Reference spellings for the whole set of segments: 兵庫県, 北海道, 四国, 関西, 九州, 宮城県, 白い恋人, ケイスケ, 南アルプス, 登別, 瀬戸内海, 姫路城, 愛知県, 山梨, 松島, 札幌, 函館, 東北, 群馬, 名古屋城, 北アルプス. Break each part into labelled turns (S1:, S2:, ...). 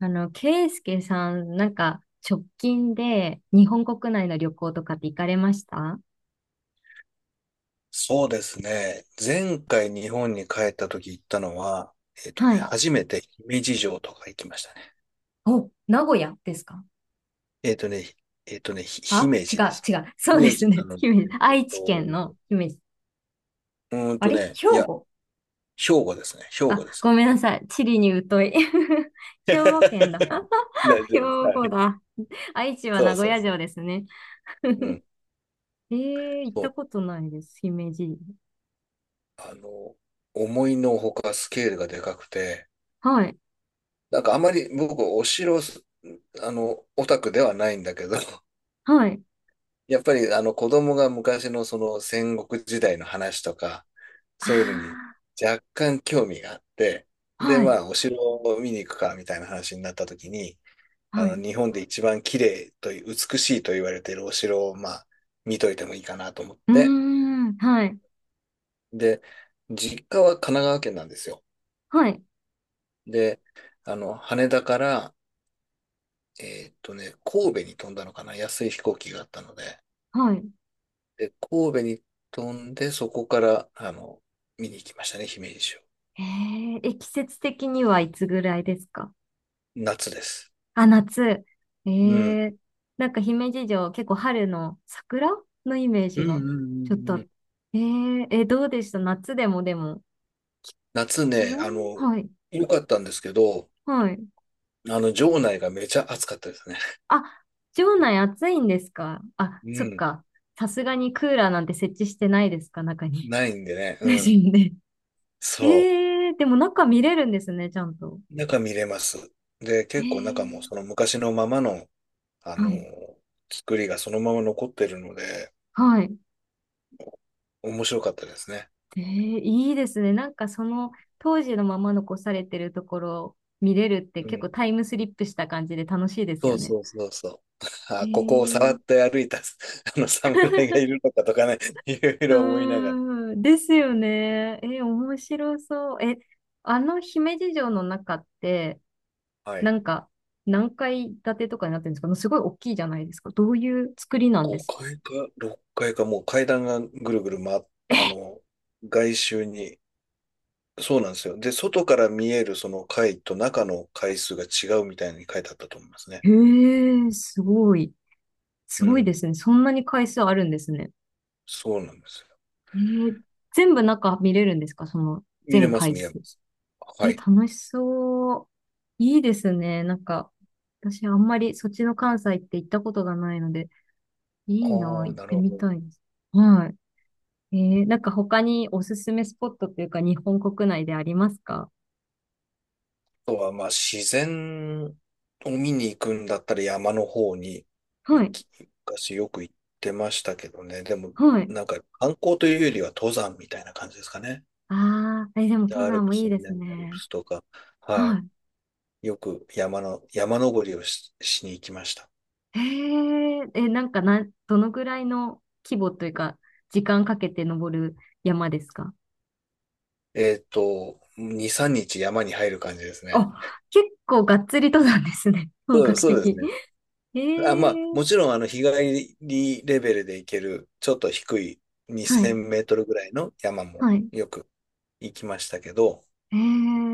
S1: ケイスケさん、なんか、直近で日本国内の旅行とかって行かれました
S2: そうですね。前回日本に帰った時行ったのは、
S1: はい。
S2: 初めて姫路城とか行きましたね。
S1: お、名古屋ですか？
S2: えっとね、えっとね、ひ
S1: あ、
S2: 姫
S1: 違
S2: 路で
S1: う、
S2: す。
S1: 違う。そうで
S2: 姫
S1: す
S2: 路な
S1: ね。
S2: ので、
S1: 姫路。愛知県の姫路。あれ兵
S2: いや、
S1: 庫？
S2: 兵庫ですね。兵庫
S1: あ、
S2: です。
S1: ごめんなさい。地理に疎い。兵庫県だ。
S2: 大 丈
S1: 兵
S2: 夫です。は
S1: 庫
S2: い。
S1: だ。愛知は
S2: そ
S1: 名
S2: う
S1: 古
S2: そう
S1: 屋城
S2: そ
S1: ですね。
S2: う。うん。
S1: 行っ
S2: そ
S1: た
S2: う。
S1: ことないです。姫路。
S2: あの、思いのほかスケールがでかくて、
S1: はい、
S2: なんかあまり僕お城す、あの、オタクではないんだけど、
S1: はい。
S2: やっぱりあの子供が昔のその戦国時代の話とか、そういうのに
S1: あ
S2: 若干興味があって、
S1: ー、
S2: で、
S1: はい、
S2: まあ、お城を見に行くかみたいな話になった時に、
S1: はい。
S2: 日本で一番綺麗という、美しいと言われているお城を、まあ、見といてもいいかなと思っ
S1: うー
S2: て、
S1: ん、はい、
S2: で、実家は神奈川県なんですよ。
S1: はい。
S2: で、羽田から、神戸に飛んだのかな、安い飛行機があったので、
S1: はい。
S2: で、神戸に飛んで、そこから、見に行きましたね、姫路城。
S1: 季節的にはいつぐらいですか？
S2: 夏です。
S1: あ、夏。え
S2: うん。
S1: ー、なんか姫路城、結構春の桜のイメー
S2: う
S1: ジ
S2: んうん
S1: が
S2: う
S1: ちょっと
S2: んうん。
S1: どうでした、夏でも、でも、
S2: 夏
S1: 気
S2: ね、
S1: 温。はい、
S2: 良かったんですけど、
S1: はい。
S2: 城内がめちゃ暑かったですね。
S1: あ、城内暑いんですか？あ、
S2: う
S1: そっ
S2: ん。
S1: か。さすがにクーラーなんて設置してないですか、中に。
S2: ないんでね、
S1: 無
S2: うん。
S1: 心ですよね。
S2: そ
S1: でも中見れるんですね、ちゃんと。
S2: う。中見れます。で、
S1: え
S2: 結構中も
S1: ー、
S2: その昔のままの、あの、
S1: はい、
S2: 作りがそのまま残ってるので、
S1: はい。
S2: 面白かったですね。
S1: えー、いいですね。なんかその当時のまま残されてるところを見れるって、
S2: う
S1: 結構
S2: ん。
S1: タイムスリップした感じで楽しいです
S2: そ
S1: よ
S2: う
S1: ね。
S2: そうそうそう。
S1: え
S2: あ、ここをさら
S1: ー、
S2: っと歩いた、あの侍が いるのかとかね、いろい
S1: う
S2: ろ思いながら。
S1: ーん、ですよね。え、面白そう。え、あの姫路城の中って、
S2: は
S1: な
S2: い。
S1: んか何階建てとかになってるんですか？すごい大きいじゃないですか。どういう作りなんですか？
S2: 5階か6階かいか、もう階段がぐるぐる回っ、あ
S1: え、
S2: の、外周に。そうなんですよ。で、外から見えるその階と中の階数が違うみたいに書いてあったと思いますね。
S1: へえ、すごい。す
S2: う
S1: ごいで
S2: ん。
S1: すね。そんなに階数あるんですね。
S2: そうなんですよ。
S1: えー、全部中見れるんですか、その
S2: 見れ
S1: 全
S2: ます、
S1: 回
S2: 見れま
S1: 数？
S2: す。は
S1: え、
S2: い。
S1: 楽しそう。いいですね。なんか、私あんまりそっちの関西って行ったことがないので、いいな、
S2: あ
S1: 行
S2: あ、
S1: っ
S2: な
S1: て
S2: るほ
S1: み
S2: ど。
S1: たいです。はい。なんか他におすすめスポットっていうか、日本国内でありますか？
S2: とは、まあ、自然を見に行くんだったら山の方に
S1: は
S2: 行
S1: い。
S2: き、昔よく行ってましたけどね。でも、
S1: はい。
S2: なんか観光というよりは登山みたいな感じですかね。
S1: ああ、え、でも登
S2: 北アル
S1: 山
S2: プ
S1: もい
S2: ス、
S1: いです
S2: 南アルプ
S1: ね。
S2: スとか、は
S1: は
S2: い。
S1: い。
S2: よく山登りをしに行きました。
S1: えなんかな、どのぐらいの規模というか、時間かけて登る山ですか？
S2: 2、3日山に入る感じですね。
S1: あ、結構がっつり登山ですね。本
S2: そう、
S1: 格
S2: そうです
S1: 的。
S2: ね。
S1: え
S2: あ、まあ、
S1: え、
S2: もちろん、日帰りレベルで行ける、ちょっと低い
S1: は
S2: 2000
S1: い、
S2: メートルぐらいの山も
S1: はい。
S2: よく行きましたけど、
S1: え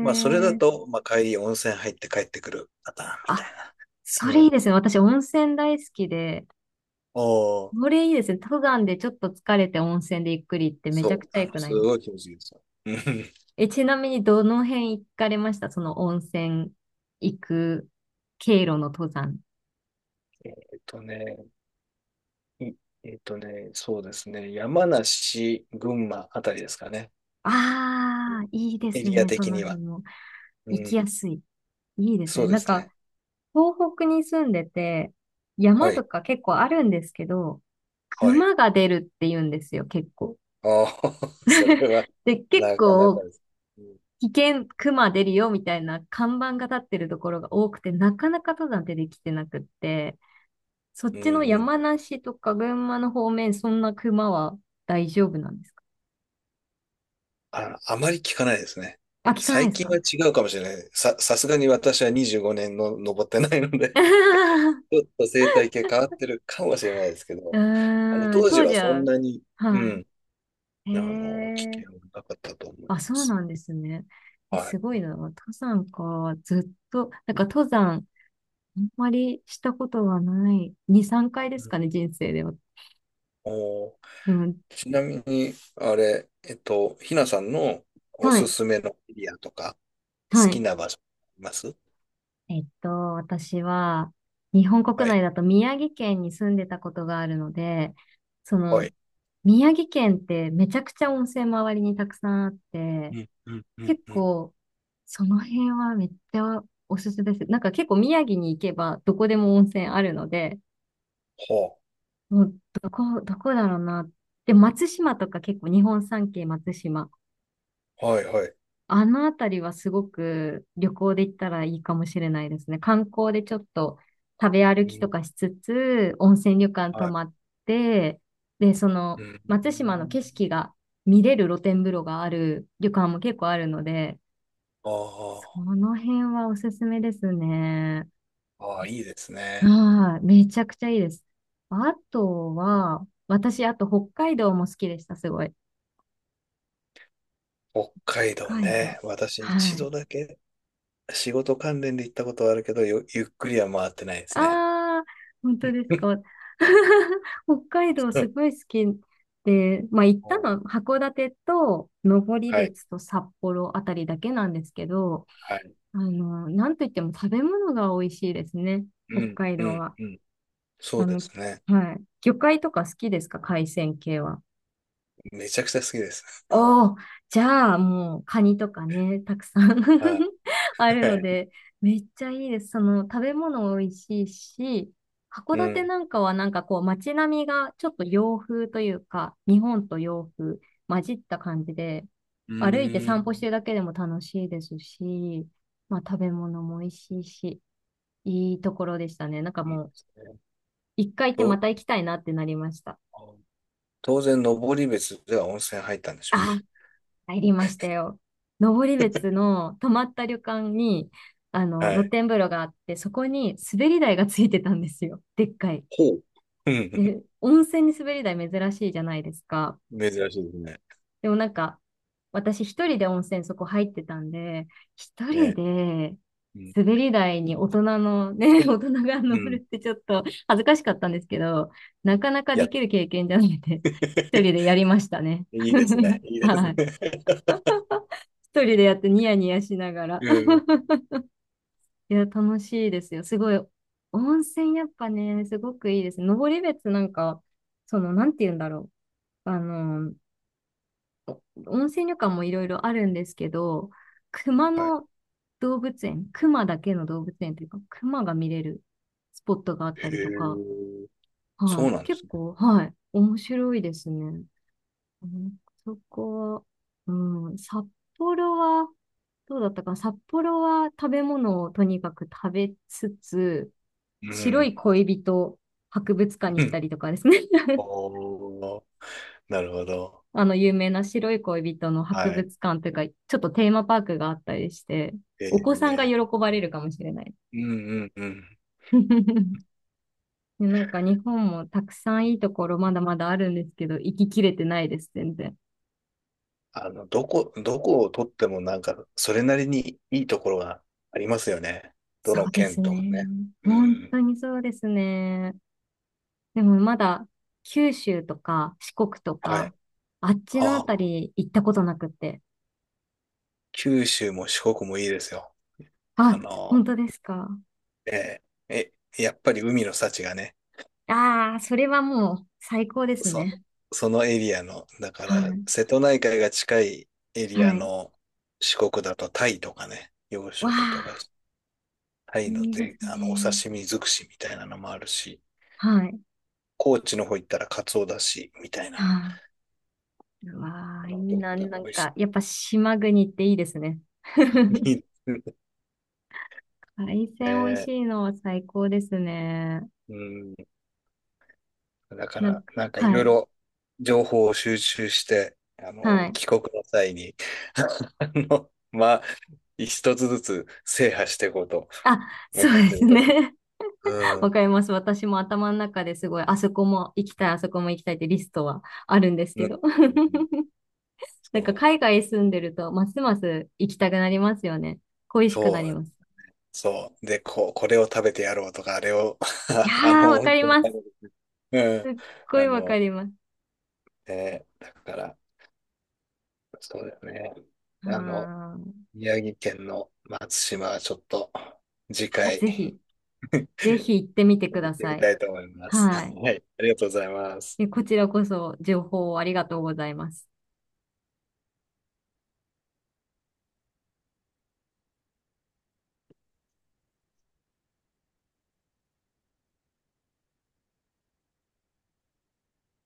S2: まあ、それだと、まあ、帰り温泉入って帰ってくるパターンみ
S1: あ、
S2: たいな。
S1: それ
S2: う
S1: いい
S2: ん。
S1: ですね。私、温泉大好きで。
S2: おお
S1: これいいですね。登山でちょっと疲れて温泉でゆっくりって、め
S2: そ
S1: ちゃく
S2: う、
S1: ちゃ良くな
S2: す
S1: いです
S2: ごい気持ちいいですよ。うん。
S1: え、ちなみにどの辺行かれましたその温泉行く経路の登山？
S2: えっとね、いえっとね、そうですね、山梨、群馬あたりですかね。
S1: ああ、いいで
S2: エ
S1: す
S2: リア
S1: ね。そ
S2: 的
S1: の
S2: には。
S1: 辺も。
S2: う
S1: 行き
S2: ん、
S1: やすい。いいです
S2: そう
S1: ね。
S2: で
S1: なん
S2: す
S1: か、
S2: ね。
S1: 東北に住んでて、山
S2: は
S1: と
S2: い、
S1: か結構あるんですけど、
S2: はい。
S1: 熊が出るって言うんですよ、結構。
S2: ああ、それは、
S1: で、結
S2: なかなか
S1: 構、
S2: です。う
S1: 危険、熊出るよ、みたいな看板が立ってるところが多くて、なかなか登山出てきてなくって、そっ
S2: ん、
S1: ちの
S2: うん。
S1: 山梨とか群馬の方面、そんな熊は大丈夫なんですか？
S2: あ、あまり聞かないですね。
S1: あ、聞かないで
S2: 最
S1: す
S2: 近
S1: か？
S2: は違うかもしれない。さすがに私は25年の登ってないの で、
S1: う
S2: ちょっと生態系変わってるかもしれないですけど、
S1: ーん、
S2: 当時
S1: 当
S2: は
S1: 時
S2: そん
S1: は、
S2: なに、う
S1: は
S2: ん、
S1: い。
S2: 危
S1: へ
S2: 険は
S1: え。
S2: なかったと思いま
S1: あ、そう
S2: す。
S1: なんですね。え、
S2: はい。
S1: すごいな。登山か。ずっと、なんか登山、あんまりしたことがない。2、3回です
S2: うん。
S1: かね、人生では。
S2: おー、
S1: でも、
S2: ちなみに、あれ、ひなさんのお
S1: は
S2: す
S1: い、
S2: すめのエリアとか、
S1: は
S2: 好き
S1: い。
S2: な場所あります？
S1: えっと、私は、日本国
S2: はい。
S1: 内だと宮城県に住んでたことがあるので、そ
S2: は
S1: の、
S2: い。
S1: 宮城県ってめちゃくちゃ温泉周りにたくさんあって、
S2: うん、うん、うん、
S1: 結
S2: うん。
S1: 構、その辺はめっちゃおすすめです。なんか結構宮城に行けばどこでも温泉あるので、
S2: は
S1: もうどこ、どこだろうな。で、松島とか、結構日本三景松島。
S2: あ、はいはい。
S1: あのあたりはすごく旅行で行ったらいいかもしれないですね。観光でちょっと食べ歩
S2: う
S1: きと
S2: ん、
S1: かしつつ、温泉旅館
S2: は
S1: 泊
S2: い。
S1: まって、で、そ
S2: う
S1: の
S2: ん。
S1: 松島の景色が見れる露天風呂がある旅館も結構あるので、そ
S2: あ
S1: の辺はおすすめですね。
S2: あ、ああ、いいですね。
S1: ああ、めちゃくちゃいいです。あとは、私、あと北海道も好きでした、すごい。
S2: 北海道
S1: 海道。
S2: ね。私
S1: は
S2: 一
S1: い。
S2: 度だけ仕事関連で行ったことはあるけど、ゆっくりは回ってないですね。
S1: ああ、本当ですか？北海道すご い好きで、まあ行ったのは函館と登
S2: はい、
S1: 別と札幌あたりだけなんですけど、
S2: はい。
S1: あの、なんといっても食べ物が美味しいですね。
S2: う
S1: 北
S2: ん、
S1: 海
S2: う
S1: 道
S2: ん、
S1: は。
S2: うん。そう
S1: あ
S2: で
S1: の、
S2: すね。
S1: はい。魚介とか好きですか、海鮮系は？
S2: めちゃくちゃ好きです。
S1: おー、じゃあもうカニとかね、たくさん
S2: はい、
S1: ある
S2: は
S1: の
S2: い。
S1: で、めっちゃいいです。その食べ物美味しいし、函
S2: う
S1: 館
S2: ん、
S1: なんかは、なんかこう街並みがちょっと洋風というか、日本と洋風混じった感じで、
S2: う
S1: 歩いて
S2: ー
S1: 散歩して
S2: ん。
S1: るだけでも楽しいですし、まあ食べ物も美味しいし、いいところでしたね。なんか
S2: いいで
S1: もう
S2: すね。
S1: 一回行ってま
S2: と、
S1: た行きたいなってなりました。
S2: 当然、登別では温泉入ったんでしょう
S1: あ、
S2: ね。
S1: 入りましたよ。登別の泊まった旅館に、
S2: は
S1: 露
S2: い。
S1: 天風呂があって、そこに滑り台がついてたんですよ。でっかい。
S2: ほう。うん。
S1: で、温泉に滑り台珍しいじゃないですか。
S2: 珍しいですね。
S1: でもなんか、私一人で温泉そこ入ってたんで、一人
S2: ね。
S1: で
S2: うん。
S1: 滑り台に大人のね、大人が乗
S2: う
S1: る
S2: ん。
S1: ってちょっと恥ずかしかったんですけど、
S2: う
S1: な
S2: ん。
S1: かなか
S2: や
S1: で
S2: っ
S1: き
S2: た。
S1: る経験じゃなくて、一人で やりましたね。
S2: いいですね。いいです
S1: はい。
S2: ね。
S1: 一人でやってニヤニヤしなが ら。
S2: うん。
S1: いや、楽しいですよ。すごい。温泉やっぱね、すごくいいです。登別なんか、その、なんて言うんだろう。お温泉旅館もいろいろあるんですけど、熊
S2: はい。
S1: の動物園、熊だけの動物園というか、熊が見れるスポットがあっ
S2: へ
S1: たりとか、
S2: え。そ
S1: は
S2: う
S1: い。
S2: なんで
S1: 結
S2: すね。
S1: 構、はい。面白いですね。うん、そこは、うん、札幌は、どうだったかな。札幌は食べ物をとにかく食べつつ、
S2: う
S1: 白
S2: ん。
S1: い恋人博物館に
S2: う
S1: 行っ
S2: ん。
S1: たりとかですね。
S2: おお、なるほど。
S1: あの、有名な白い恋人の博
S2: はい。
S1: 物館というか、ちょっとテーマパークがあったりして、
S2: え
S1: お子さんが
S2: え。
S1: 喜ば
S2: う
S1: れ
S2: ん。
S1: るかもしれない。
S2: うんうんうん。
S1: で、なんか日本もたくさんいいところまだまだあるんですけど、行ききれてないです、全然。
S2: どこどこを取ってもなんか、それなりにいいところがありますよね。ど
S1: そ
S2: の
S1: うです
S2: 県とか
S1: ね。
S2: ね。う
S1: 本
S2: ん。
S1: 当にそうですね。でもまだ九州とか四国と
S2: はい。
S1: か、あっちのあ
S2: あ
S1: た
S2: あ、
S1: り行ったことなくって。
S2: 九州も四国もいいですよ。あ
S1: あ、
S2: の
S1: 本当ですか？
S2: ええ、やっぱり海の幸がね、
S1: ああ、それはもう最高です
S2: そ、
S1: ね。
S2: そのエリアの、だか
S1: は
S2: ら、
S1: い。
S2: 瀬戸内海が近いエリ
S1: は
S2: ア
S1: い。
S2: の四国だとタイとかね、養
S1: わ
S2: 殖とか、
S1: あ、
S2: タイの
S1: いいです
S2: で、お
S1: ね。
S2: 刺身尽くしみたいなのもあるし、
S1: はい。
S2: 高知の方行ったらカツオだし、みたいな、
S1: はあ、うわあ、いい
S2: どこ
S1: な。
S2: で
S1: な
S2: も
S1: ん
S2: 美味
S1: か、
S2: し
S1: やっぱ島国っていいですね。
S2: い。い いですね。
S1: 海鮮美味しいのは最高ですね。
S2: うん。だか
S1: なん
S2: ら、
S1: か、
S2: なんかい
S1: は
S2: ろい
S1: い。
S2: ろ情報を収集して、
S1: はい。
S2: 帰国の際に、まあ、一つずつ制覇していこうと
S1: あ、
S2: 思
S1: そう
S2: っ
S1: で
S2: て
S1: す
S2: るとこ。
S1: ね。
S2: うん、う
S1: わ
S2: ん、
S1: かります。私も頭の中ですごい、あそこも行きたい、あそこも行きたいってリストはあるんです
S2: う
S1: け
S2: ん、
S1: ど。
S2: そ
S1: なんか
S2: う、
S1: 海外住んでると、ますます行きたくなりますよね。恋しくな
S2: そ
S1: り
S2: う、
S1: ます。
S2: そう。で、こう、これを食べてやろうとか、あれを
S1: いや ー、わ
S2: 温
S1: かり
S2: 泉
S1: ます。
S2: 食べる。
S1: すっ
S2: う
S1: ご
S2: ん、
S1: いわかります。
S2: だから、そうだよね。
S1: は
S2: あの、
S1: ー
S2: 宮城県の松島はちょっと、次
S1: あ。ぜ
S2: 回、
S1: ひ、ぜひ行ってみて
S2: 行
S1: く
S2: っ
S1: だ
S2: て
S1: さ
S2: み
S1: い。
S2: たいと思います。
S1: はい。
S2: はい、ありがとうございます。
S1: え、こちらこそ情報をありがとうございます。